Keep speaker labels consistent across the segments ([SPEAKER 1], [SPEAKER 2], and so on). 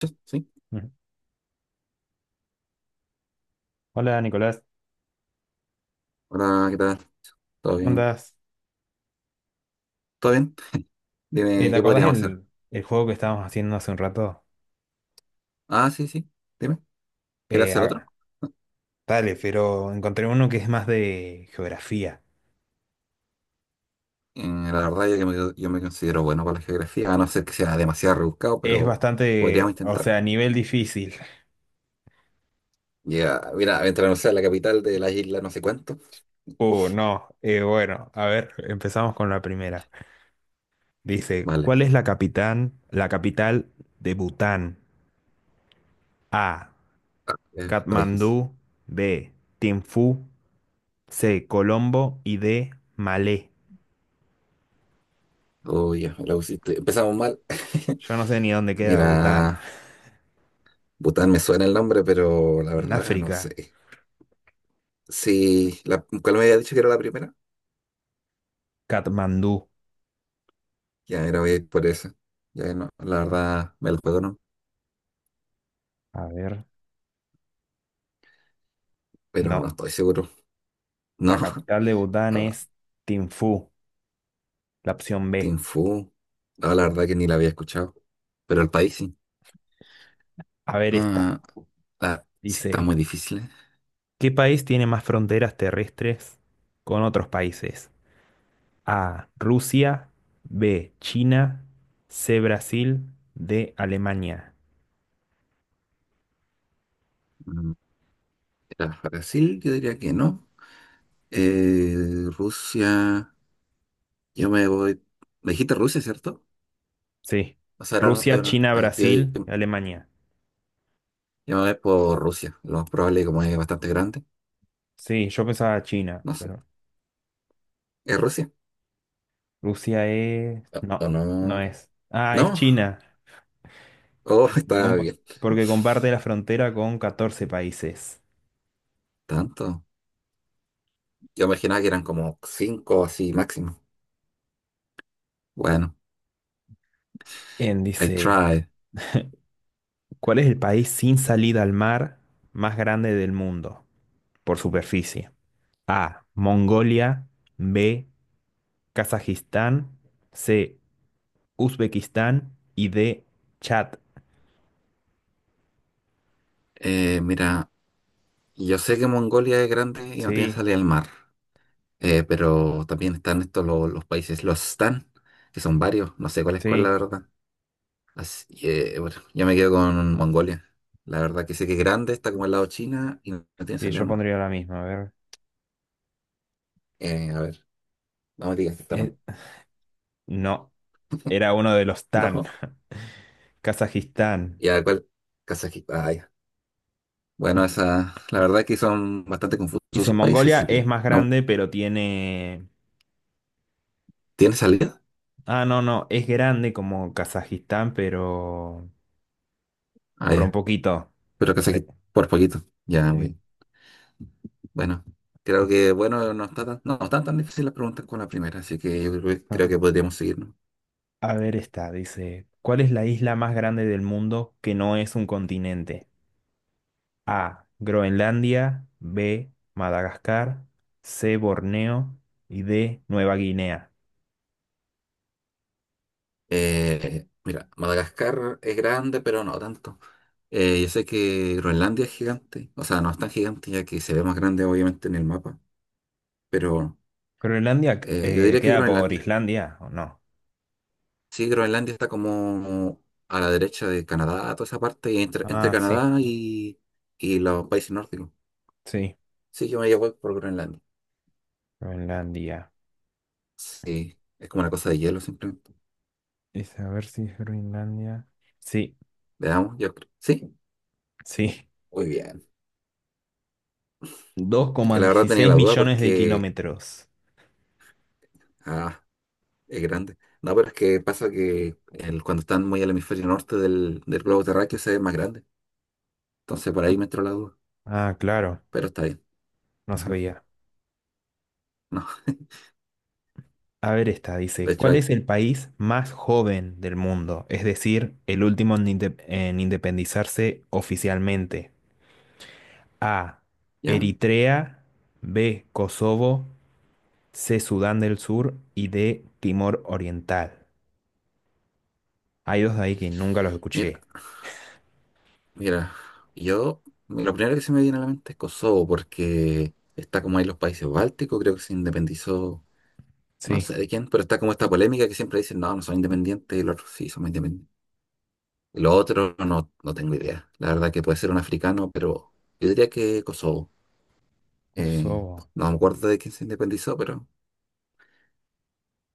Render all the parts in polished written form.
[SPEAKER 1] Sí, sí.
[SPEAKER 2] Ujú. Hola Nicolás,
[SPEAKER 1] Hola, ¿qué tal? ¿Todo
[SPEAKER 2] ¿cómo
[SPEAKER 1] bien?
[SPEAKER 2] andás?
[SPEAKER 1] ¿Todo bien? Dime,
[SPEAKER 2] ¿Te
[SPEAKER 1] ¿qué
[SPEAKER 2] acordás
[SPEAKER 1] podríamos hacer?
[SPEAKER 2] el juego que estábamos haciendo hace un rato?
[SPEAKER 1] Ah, sí, sí. Dime, ¿quieres
[SPEAKER 2] Eh,
[SPEAKER 1] hacer otro?
[SPEAKER 2] ah, dale, pero encontré uno que es más de geografía.
[SPEAKER 1] La verdad, yo me considero bueno para la geografía, a no ser que sea demasiado rebuscado,
[SPEAKER 2] Es
[SPEAKER 1] pero podríamos
[SPEAKER 2] bastante, o
[SPEAKER 1] intentar.
[SPEAKER 2] sea, nivel difícil.
[SPEAKER 1] Ya, mira, mientras no sea la capital de la isla, no sé cuánto.
[SPEAKER 2] No. Bueno, a ver, empezamos con la primera. Dice,
[SPEAKER 1] Vale,
[SPEAKER 2] ¿cuál es la capital de Bután? A,
[SPEAKER 1] está difícil.
[SPEAKER 2] Katmandú; B, Thimphu; C, Colombo y D, Malé.
[SPEAKER 1] Uy, ya, me la pusiste. Empezamos mal.
[SPEAKER 2] Yo no sé ni dónde queda Bután,
[SPEAKER 1] Mira, Bután me suena el nombre, pero la
[SPEAKER 2] en
[SPEAKER 1] verdad, no
[SPEAKER 2] África.
[SPEAKER 1] sé. Sí, la, ¿cuál me había dicho que era la primera?
[SPEAKER 2] Katmandú.
[SPEAKER 1] Ya, era voy a ir por esa. Ya, no, la verdad, me la juego, ¿no?
[SPEAKER 2] A ver,
[SPEAKER 1] Pero no
[SPEAKER 2] no.
[SPEAKER 1] estoy seguro.
[SPEAKER 2] La
[SPEAKER 1] No,
[SPEAKER 2] capital de Bután
[SPEAKER 1] ah,
[SPEAKER 2] es Thimphu, la opción
[SPEAKER 1] Tim
[SPEAKER 2] B.
[SPEAKER 1] Fu, no, la verdad que ni la había escuchado, pero el país sí.
[SPEAKER 2] A ver esta.
[SPEAKER 1] Ah, ah, sí, está
[SPEAKER 2] Dice,
[SPEAKER 1] muy difícil, ¿eh?
[SPEAKER 2] ¿qué país tiene más fronteras terrestres con otros países? A, Rusia; B, China; C, Brasil; D, Alemania.
[SPEAKER 1] Mm, Era Brasil, yo diría que no. Rusia, yo me voy. Me dijiste Rusia, ¿cierto?
[SPEAKER 2] Sí.
[SPEAKER 1] O sea,
[SPEAKER 2] Rusia, China,
[SPEAKER 1] ay, yo,
[SPEAKER 2] Brasil, Alemania.
[SPEAKER 1] yo me voy por Rusia. Lo más probable, como es bastante grande,
[SPEAKER 2] Sí, yo pensaba China,
[SPEAKER 1] no sé.
[SPEAKER 2] pero
[SPEAKER 1] ¿Es Rusia?
[SPEAKER 2] Rusia es...
[SPEAKER 1] ¿O o
[SPEAKER 2] No,
[SPEAKER 1] no?
[SPEAKER 2] no es. Ah,
[SPEAKER 1] No,
[SPEAKER 2] es China.
[SPEAKER 1] oh,
[SPEAKER 2] que se
[SPEAKER 1] está
[SPEAKER 2] compa-
[SPEAKER 1] bien.
[SPEAKER 2] Porque comparte la frontera con 14 países.
[SPEAKER 1] Tanto. Yo imaginaba que eran como cinco así máximo. Bueno.
[SPEAKER 2] En
[SPEAKER 1] I
[SPEAKER 2] dice,
[SPEAKER 1] tried.
[SPEAKER 2] ¿cuál es el país sin salida al mar más grande del mundo por superficie? A, Mongolia. B, Kazajistán. C, Uzbekistán. Y D, Chad.
[SPEAKER 1] Mira, yo sé que Mongolia es grande y no tiene
[SPEAKER 2] Sí,
[SPEAKER 1] salida al mar, pero también están países, los Stan, que son varios, no sé cuál es cuál, la
[SPEAKER 2] sí,
[SPEAKER 1] verdad. Así que, bueno, yo me quedo con Mongolia. La verdad que sé que es grande, está como al lado de China y no tiene
[SPEAKER 2] sí,
[SPEAKER 1] salida
[SPEAKER 2] yo
[SPEAKER 1] al mar.
[SPEAKER 2] pondría la misma. A ver.
[SPEAKER 1] A ver, no me digas que está
[SPEAKER 2] Eh,
[SPEAKER 1] mal.
[SPEAKER 2] no, era uno de los tan.
[SPEAKER 1] No,
[SPEAKER 2] Kazajistán.
[SPEAKER 1] y a cuál, Kazajistán. Ah, ya. Bueno, esa, la verdad que son bastante confusos
[SPEAKER 2] Dice,
[SPEAKER 1] esos países,
[SPEAKER 2] Mongolia
[SPEAKER 1] así
[SPEAKER 2] es
[SPEAKER 1] que
[SPEAKER 2] más
[SPEAKER 1] no,
[SPEAKER 2] grande, pero tiene...
[SPEAKER 1] ¿tiene salida?
[SPEAKER 2] Ah, no, no, es grande como Kazajistán, pero
[SPEAKER 1] Ah,
[SPEAKER 2] por
[SPEAKER 1] ya.
[SPEAKER 2] un poquito.
[SPEAKER 1] Pero
[SPEAKER 2] Sí,
[SPEAKER 1] Kazajistán, por poquito, ya,
[SPEAKER 2] sí.
[SPEAKER 1] güey. Bueno, no está tan, no, no están tan difíciles las preguntas como la primera, así que
[SPEAKER 2] Ah,
[SPEAKER 1] creo que podríamos seguirnos.
[SPEAKER 2] a ver esta, dice, ¿cuál es la isla más grande del mundo que no es un continente? A, Groenlandia; B, Madagascar; C, Borneo y D, Nueva Guinea.
[SPEAKER 1] Mira, Madagascar es grande, pero no tanto. Yo sé que Groenlandia es gigante, o sea, no es tan gigante ya que se ve más grande obviamente en el mapa, pero
[SPEAKER 2] Groenlandia
[SPEAKER 1] yo diría que
[SPEAKER 2] queda por
[SPEAKER 1] Groenlandia.
[SPEAKER 2] Islandia, ¿o no?
[SPEAKER 1] Sí, Groenlandia está como a la derecha de Canadá, toda esa parte, y entre
[SPEAKER 2] Ah, sí,
[SPEAKER 1] Canadá y los países nórdicos.
[SPEAKER 2] sí,
[SPEAKER 1] Sí, yo me llevo por Groenlandia.
[SPEAKER 2] Groenlandia.
[SPEAKER 1] Sí, es como una cosa de hielo simplemente.
[SPEAKER 2] Es a ver si es Groenlandia. Sí,
[SPEAKER 1] Veamos, yo creo. Sí,
[SPEAKER 2] sí.
[SPEAKER 1] muy bien.
[SPEAKER 2] Dos coma
[SPEAKER 1] La verdad tenía
[SPEAKER 2] dieciséis
[SPEAKER 1] la duda
[SPEAKER 2] millones de
[SPEAKER 1] porque,
[SPEAKER 2] kilómetros.
[SPEAKER 1] ah, es grande. No, pero es que pasa que cuando están muy al hemisferio norte del globo terráqueo se ve más grande. Entonces por ahí me entró la duda,
[SPEAKER 2] Ah, claro,
[SPEAKER 1] pero está bien.
[SPEAKER 2] no
[SPEAKER 1] Ujú.
[SPEAKER 2] sabía.
[SPEAKER 1] No,
[SPEAKER 2] A ver esta, dice,
[SPEAKER 1] de hecho
[SPEAKER 2] ¿cuál
[SPEAKER 1] ahí,
[SPEAKER 2] es el país más joven del mundo? Es decir, el último en, en independizarse oficialmente. A,
[SPEAKER 1] ya,
[SPEAKER 2] Eritrea; B, Kosovo; C, Sudán del Sur y D, Timor Oriental. Hay dos de ahí que nunca los
[SPEAKER 1] mira,
[SPEAKER 2] escuché.
[SPEAKER 1] mira, yo, lo primero que se me viene a la mente es Kosovo porque está como ahí los países bálticos, creo que se independizó, no
[SPEAKER 2] Sí,
[SPEAKER 1] sé de quién, pero está como esta polémica que siempre dicen, no, no son independientes y los otros sí somos independientes. Lo otro no, no tengo idea. La verdad que puede ser un africano, pero yo diría que Kosovo. Eh,
[SPEAKER 2] Kosovo.
[SPEAKER 1] no me acuerdo de quién se independizó, pero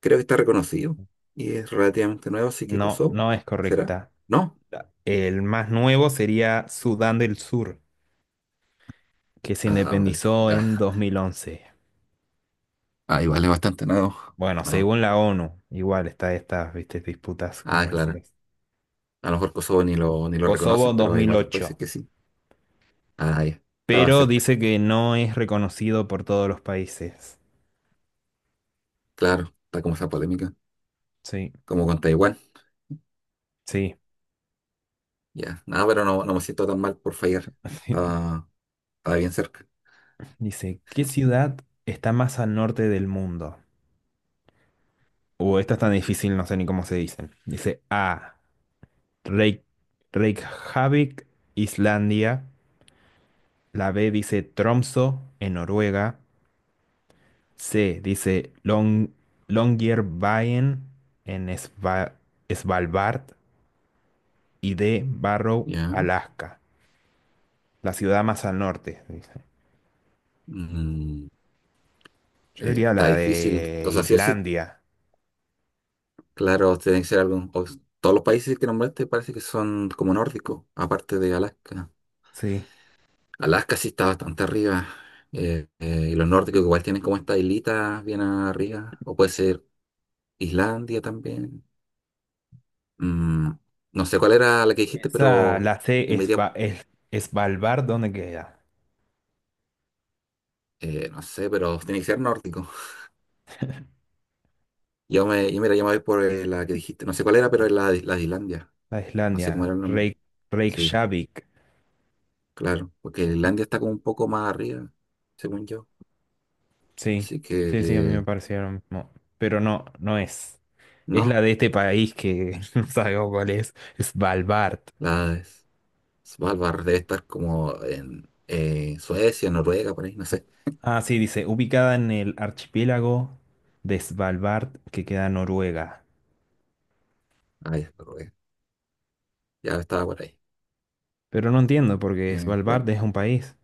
[SPEAKER 1] creo que está reconocido y es relativamente nuevo, así que
[SPEAKER 2] No,
[SPEAKER 1] Kosovo,
[SPEAKER 2] no es
[SPEAKER 1] ¿será?
[SPEAKER 2] correcta.
[SPEAKER 1] ¿No?
[SPEAKER 2] El más nuevo sería Sudán del Sur, que se
[SPEAKER 1] Ah, vale.
[SPEAKER 2] independizó en
[SPEAKER 1] Ah,
[SPEAKER 2] 2011.
[SPEAKER 1] ah, igual es bastante nuevo.
[SPEAKER 2] Bueno,
[SPEAKER 1] No.
[SPEAKER 2] según la ONU, igual está estas, viste, disputas que me
[SPEAKER 1] Ah, claro.
[SPEAKER 2] decías.
[SPEAKER 1] A lo mejor Kosovo ni lo
[SPEAKER 2] Kosovo
[SPEAKER 1] reconocen, pero hay varios países
[SPEAKER 2] 2008,
[SPEAKER 1] que sí. Ah, ya. Estaba
[SPEAKER 2] pero
[SPEAKER 1] cerca.
[SPEAKER 2] dice que no es reconocido por todos los países.
[SPEAKER 1] Claro, está como esa polémica,
[SPEAKER 2] Sí,
[SPEAKER 1] como con Taiwán.
[SPEAKER 2] sí.
[SPEAKER 1] Ya. Nada, pero no, no me siento tan mal por fallar. Estaba, estaba bien cerca.
[SPEAKER 2] Dice, ¿qué ciudad está más al norte del mundo? Esta es tan difícil, no sé ni cómo se dicen. Dice A, Reyk- Reykjavik, Islandia. La B dice Tromso, en Noruega. C dice Longyearbyen en Svalbard y D, Barrow,
[SPEAKER 1] Ya.
[SPEAKER 2] Alaska. La ciudad más al norte, dice.
[SPEAKER 1] Mm.
[SPEAKER 2] Yo diría
[SPEAKER 1] Está
[SPEAKER 2] la
[SPEAKER 1] difícil.
[SPEAKER 2] de
[SPEAKER 1] O sea, sí o sí,
[SPEAKER 2] Islandia.
[SPEAKER 1] claro, tiene que ser todos los países que nombraste parece que son como nórdicos, aparte de Alaska.
[SPEAKER 2] Sí.
[SPEAKER 1] Alaska sí está bastante arriba. Y los nórdicos igual tienen como esta islita bien arriba. O puede ser Islandia también. Mm, no sé cuál era la que dijiste,
[SPEAKER 2] Esa,
[SPEAKER 1] pero
[SPEAKER 2] la C
[SPEAKER 1] yo me
[SPEAKER 2] es,
[SPEAKER 1] diría,
[SPEAKER 2] Svalbard, ¿dónde queda?
[SPEAKER 1] no sé, pero tiene que ser nórdico. Yo mira, yo me voy por la que dijiste. No sé cuál era, pero es la de Islandia.
[SPEAKER 2] La de
[SPEAKER 1] No sé
[SPEAKER 2] Islandia.
[SPEAKER 1] cómo era el nombre. Sí.
[SPEAKER 2] Reykjavik.
[SPEAKER 1] Claro, porque Islandia está como un poco más arriba, según yo.
[SPEAKER 2] Sí,
[SPEAKER 1] Así que
[SPEAKER 2] sí, sí, a mí me pareció lo mismo. Pero no, no es. Es
[SPEAKER 1] no,
[SPEAKER 2] la de este país que no sabemos cuál es. Svalbard.
[SPEAKER 1] la Svalbard debe estar como en Suecia, Noruega, por ahí, no sé.
[SPEAKER 2] Ah, sí, dice, ubicada en el archipiélago de Svalbard que queda en Noruega.
[SPEAKER 1] Ah, ya, Noruega. Ya estaba por ahí.
[SPEAKER 2] Pero no entiendo porque Svalbard
[SPEAKER 1] Bueno,
[SPEAKER 2] es un país.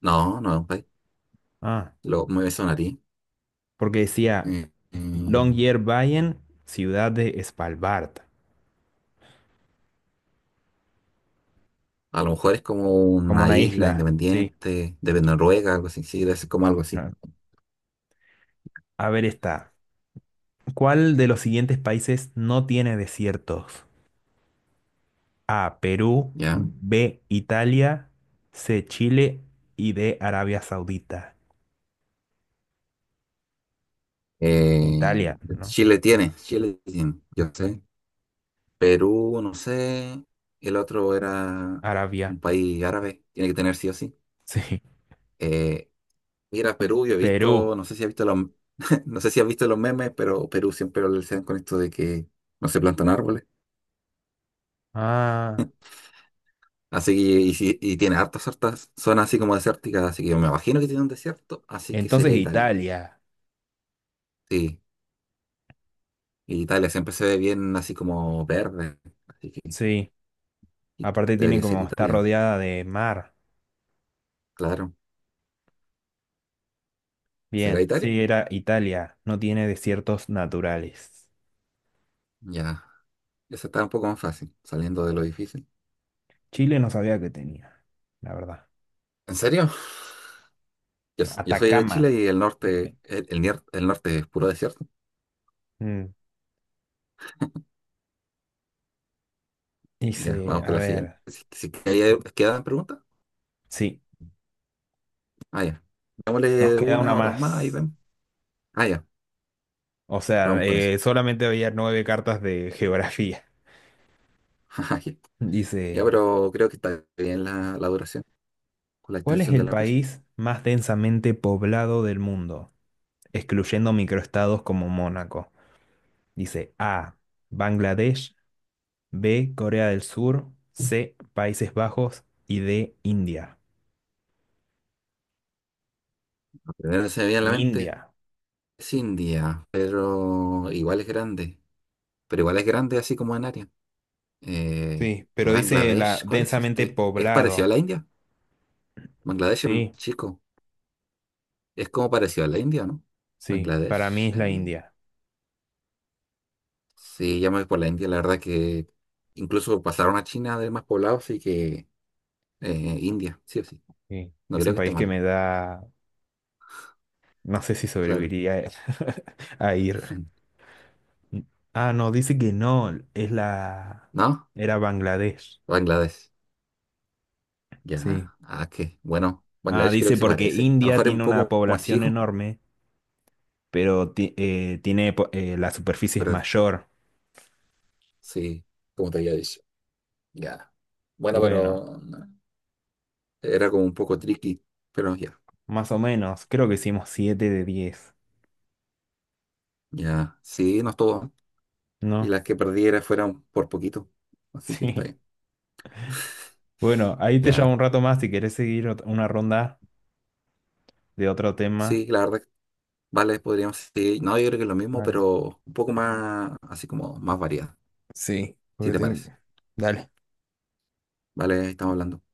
[SPEAKER 1] no, no es un país.
[SPEAKER 2] Ah,
[SPEAKER 1] Lo, me sonaría.
[SPEAKER 2] porque decía
[SPEAKER 1] Mm,
[SPEAKER 2] Longyearbyen, ciudad de Svalbard,
[SPEAKER 1] a lo mejor es como
[SPEAKER 2] como
[SPEAKER 1] una
[SPEAKER 2] una
[SPEAKER 1] isla
[SPEAKER 2] isla. Sí.
[SPEAKER 1] independiente de Noruega, algo así. Sí, debe ser como algo así.
[SPEAKER 2] Ah. A ver esta. ¿Cuál de los siguientes países no tiene desiertos? A, Perú;
[SPEAKER 1] ¿Ya?
[SPEAKER 2] B, Italia; C, Chile y D, Arabia Saudita.
[SPEAKER 1] Eh,
[SPEAKER 2] Italia, ¿no?
[SPEAKER 1] Chile tiene, yo sé. Perú, no sé. El otro era
[SPEAKER 2] Arabia.
[SPEAKER 1] un país árabe. Tiene que tener sí o sí.
[SPEAKER 2] Sí.
[SPEAKER 1] Eh, mira, Perú, yo he
[SPEAKER 2] Perú.
[SPEAKER 1] visto, no sé si has visto los, no sé si has visto los memes, pero Perú siempre lo relacionan con esto de que no se plantan árboles.
[SPEAKER 2] Ah.
[SPEAKER 1] Así que, y, y tiene hartas zonas así como desérticas, así que yo me imagino que tiene un desierto, así que
[SPEAKER 2] Entonces
[SPEAKER 1] sería Italia.
[SPEAKER 2] Italia.
[SPEAKER 1] Sí, y Italia siempre se ve bien así como verde, así que
[SPEAKER 2] Sí, aparte tienen,
[SPEAKER 1] debería ser
[SPEAKER 2] como está
[SPEAKER 1] Italia,
[SPEAKER 2] rodeada de mar.
[SPEAKER 1] claro. ¿Será
[SPEAKER 2] Bien,
[SPEAKER 1] Italia?
[SPEAKER 2] sí, era Italia, no tiene desiertos naturales.
[SPEAKER 1] Ya, esa está un poco más fácil, saliendo de lo difícil.
[SPEAKER 2] Chile no sabía que tenía, la verdad.
[SPEAKER 1] ¿En serio? Yo soy de
[SPEAKER 2] Atacama.
[SPEAKER 1] Chile y el norte, el norte es puro desierto.
[SPEAKER 2] Mm,
[SPEAKER 1] Ya,
[SPEAKER 2] dice,
[SPEAKER 1] vamos
[SPEAKER 2] a
[SPEAKER 1] con la siguiente.
[SPEAKER 2] ver,
[SPEAKER 1] Si, quedan preguntas,
[SPEAKER 2] sí,
[SPEAKER 1] ah, ya.
[SPEAKER 2] nos
[SPEAKER 1] Démosle
[SPEAKER 2] queda una
[SPEAKER 1] una o dos más y
[SPEAKER 2] más.
[SPEAKER 1] vemos. Ah, ya,
[SPEAKER 2] O sea,
[SPEAKER 1] vamos con eso.
[SPEAKER 2] solamente había 9 cartas de geografía.
[SPEAKER 1] Ya,
[SPEAKER 2] Dice,
[SPEAKER 1] pero creo que está bien la duración con la
[SPEAKER 2] ¿cuál es
[SPEAKER 1] extensión de
[SPEAKER 2] el
[SPEAKER 1] la quiz.
[SPEAKER 2] país más densamente poblado del mundo? Excluyendo microestados como Mónaco. Dice A, Bangladesh; B, Corea del Sur; C, Países Bajos y D, India.
[SPEAKER 1] Lo primero que se me viene a la mente
[SPEAKER 2] India.
[SPEAKER 1] es India, pero igual es grande. Pero igual es grande así como en área. Eh,
[SPEAKER 2] Sí, pero dice la
[SPEAKER 1] Bangladesh, ¿cuál es
[SPEAKER 2] densamente
[SPEAKER 1] este? ¿Es parecido a
[SPEAKER 2] poblado.
[SPEAKER 1] la India? Bangladesh es más
[SPEAKER 2] Sí,
[SPEAKER 1] chico. Es como parecido a la India, ¿no?
[SPEAKER 2] sí, para mí
[SPEAKER 1] Bangladesh.
[SPEAKER 2] es la India.
[SPEAKER 1] Sí, ya me voy por la India. La verdad que incluso pasaron a China de más poblado, así que India, sí o sí.
[SPEAKER 2] Sí,
[SPEAKER 1] No
[SPEAKER 2] es
[SPEAKER 1] creo
[SPEAKER 2] un
[SPEAKER 1] que esté
[SPEAKER 2] país que
[SPEAKER 1] mal,
[SPEAKER 2] me da, no sé si
[SPEAKER 1] claro.
[SPEAKER 2] sobreviviría a ir. Ah, no, dice que no, es la...
[SPEAKER 1] ¿No?
[SPEAKER 2] Era Bangladesh.
[SPEAKER 1] Bangladesh.
[SPEAKER 2] Sí.
[SPEAKER 1] Ya. Ah, qué. Bueno,
[SPEAKER 2] Ah,
[SPEAKER 1] Bangladesh creo
[SPEAKER 2] dice
[SPEAKER 1] que se
[SPEAKER 2] porque
[SPEAKER 1] parece. A lo
[SPEAKER 2] India
[SPEAKER 1] mejor es un
[SPEAKER 2] tiene una
[SPEAKER 1] poco más
[SPEAKER 2] población
[SPEAKER 1] chico,
[SPEAKER 2] enorme pero tiene la superficie es
[SPEAKER 1] pero
[SPEAKER 2] mayor.
[SPEAKER 1] sí, como te había dicho. Ya. Bueno,
[SPEAKER 2] Bueno,
[SPEAKER 1] pero no, era como un poco tricky, pero ya.
[SPEAKER 2] más o menos, creo que hicimos 7 de 10,
[SPEAKER 1] Ya. Sí, no estuvo mal. Y
[SPEAKER 2] ¿no?
[SPEAKER 1] las que perdiera fueron por poquito. Así que está
[SPEAKER 2] Sí.
[SPEAKER 1] bien.
[SPEAKER 2] Bueno, ahí te llamo
[SPEAKER 1] Ya.
[SPEAKER 2] un rato más si querés seguir una ronda de otro tema.
[SPEAKER 1] Sí, la verdad, que vale, podríamos, sí, no, yo creo que es lo mismo,
[SPEAKER 2] Vale.
[SPEAKER 1] pero un poco más, así como más variada,
[SPEAKER 2] Sí,
[SPEAKER 1] si
[SPEAKER 2] porque
[SPEAKER 1] te
[SPEAKER 2] tengo...
[SPEAKER 1] parece.
[SPEAKER 2] Dale.
[SPEAKER 1] Vale, ahí estamos hablando.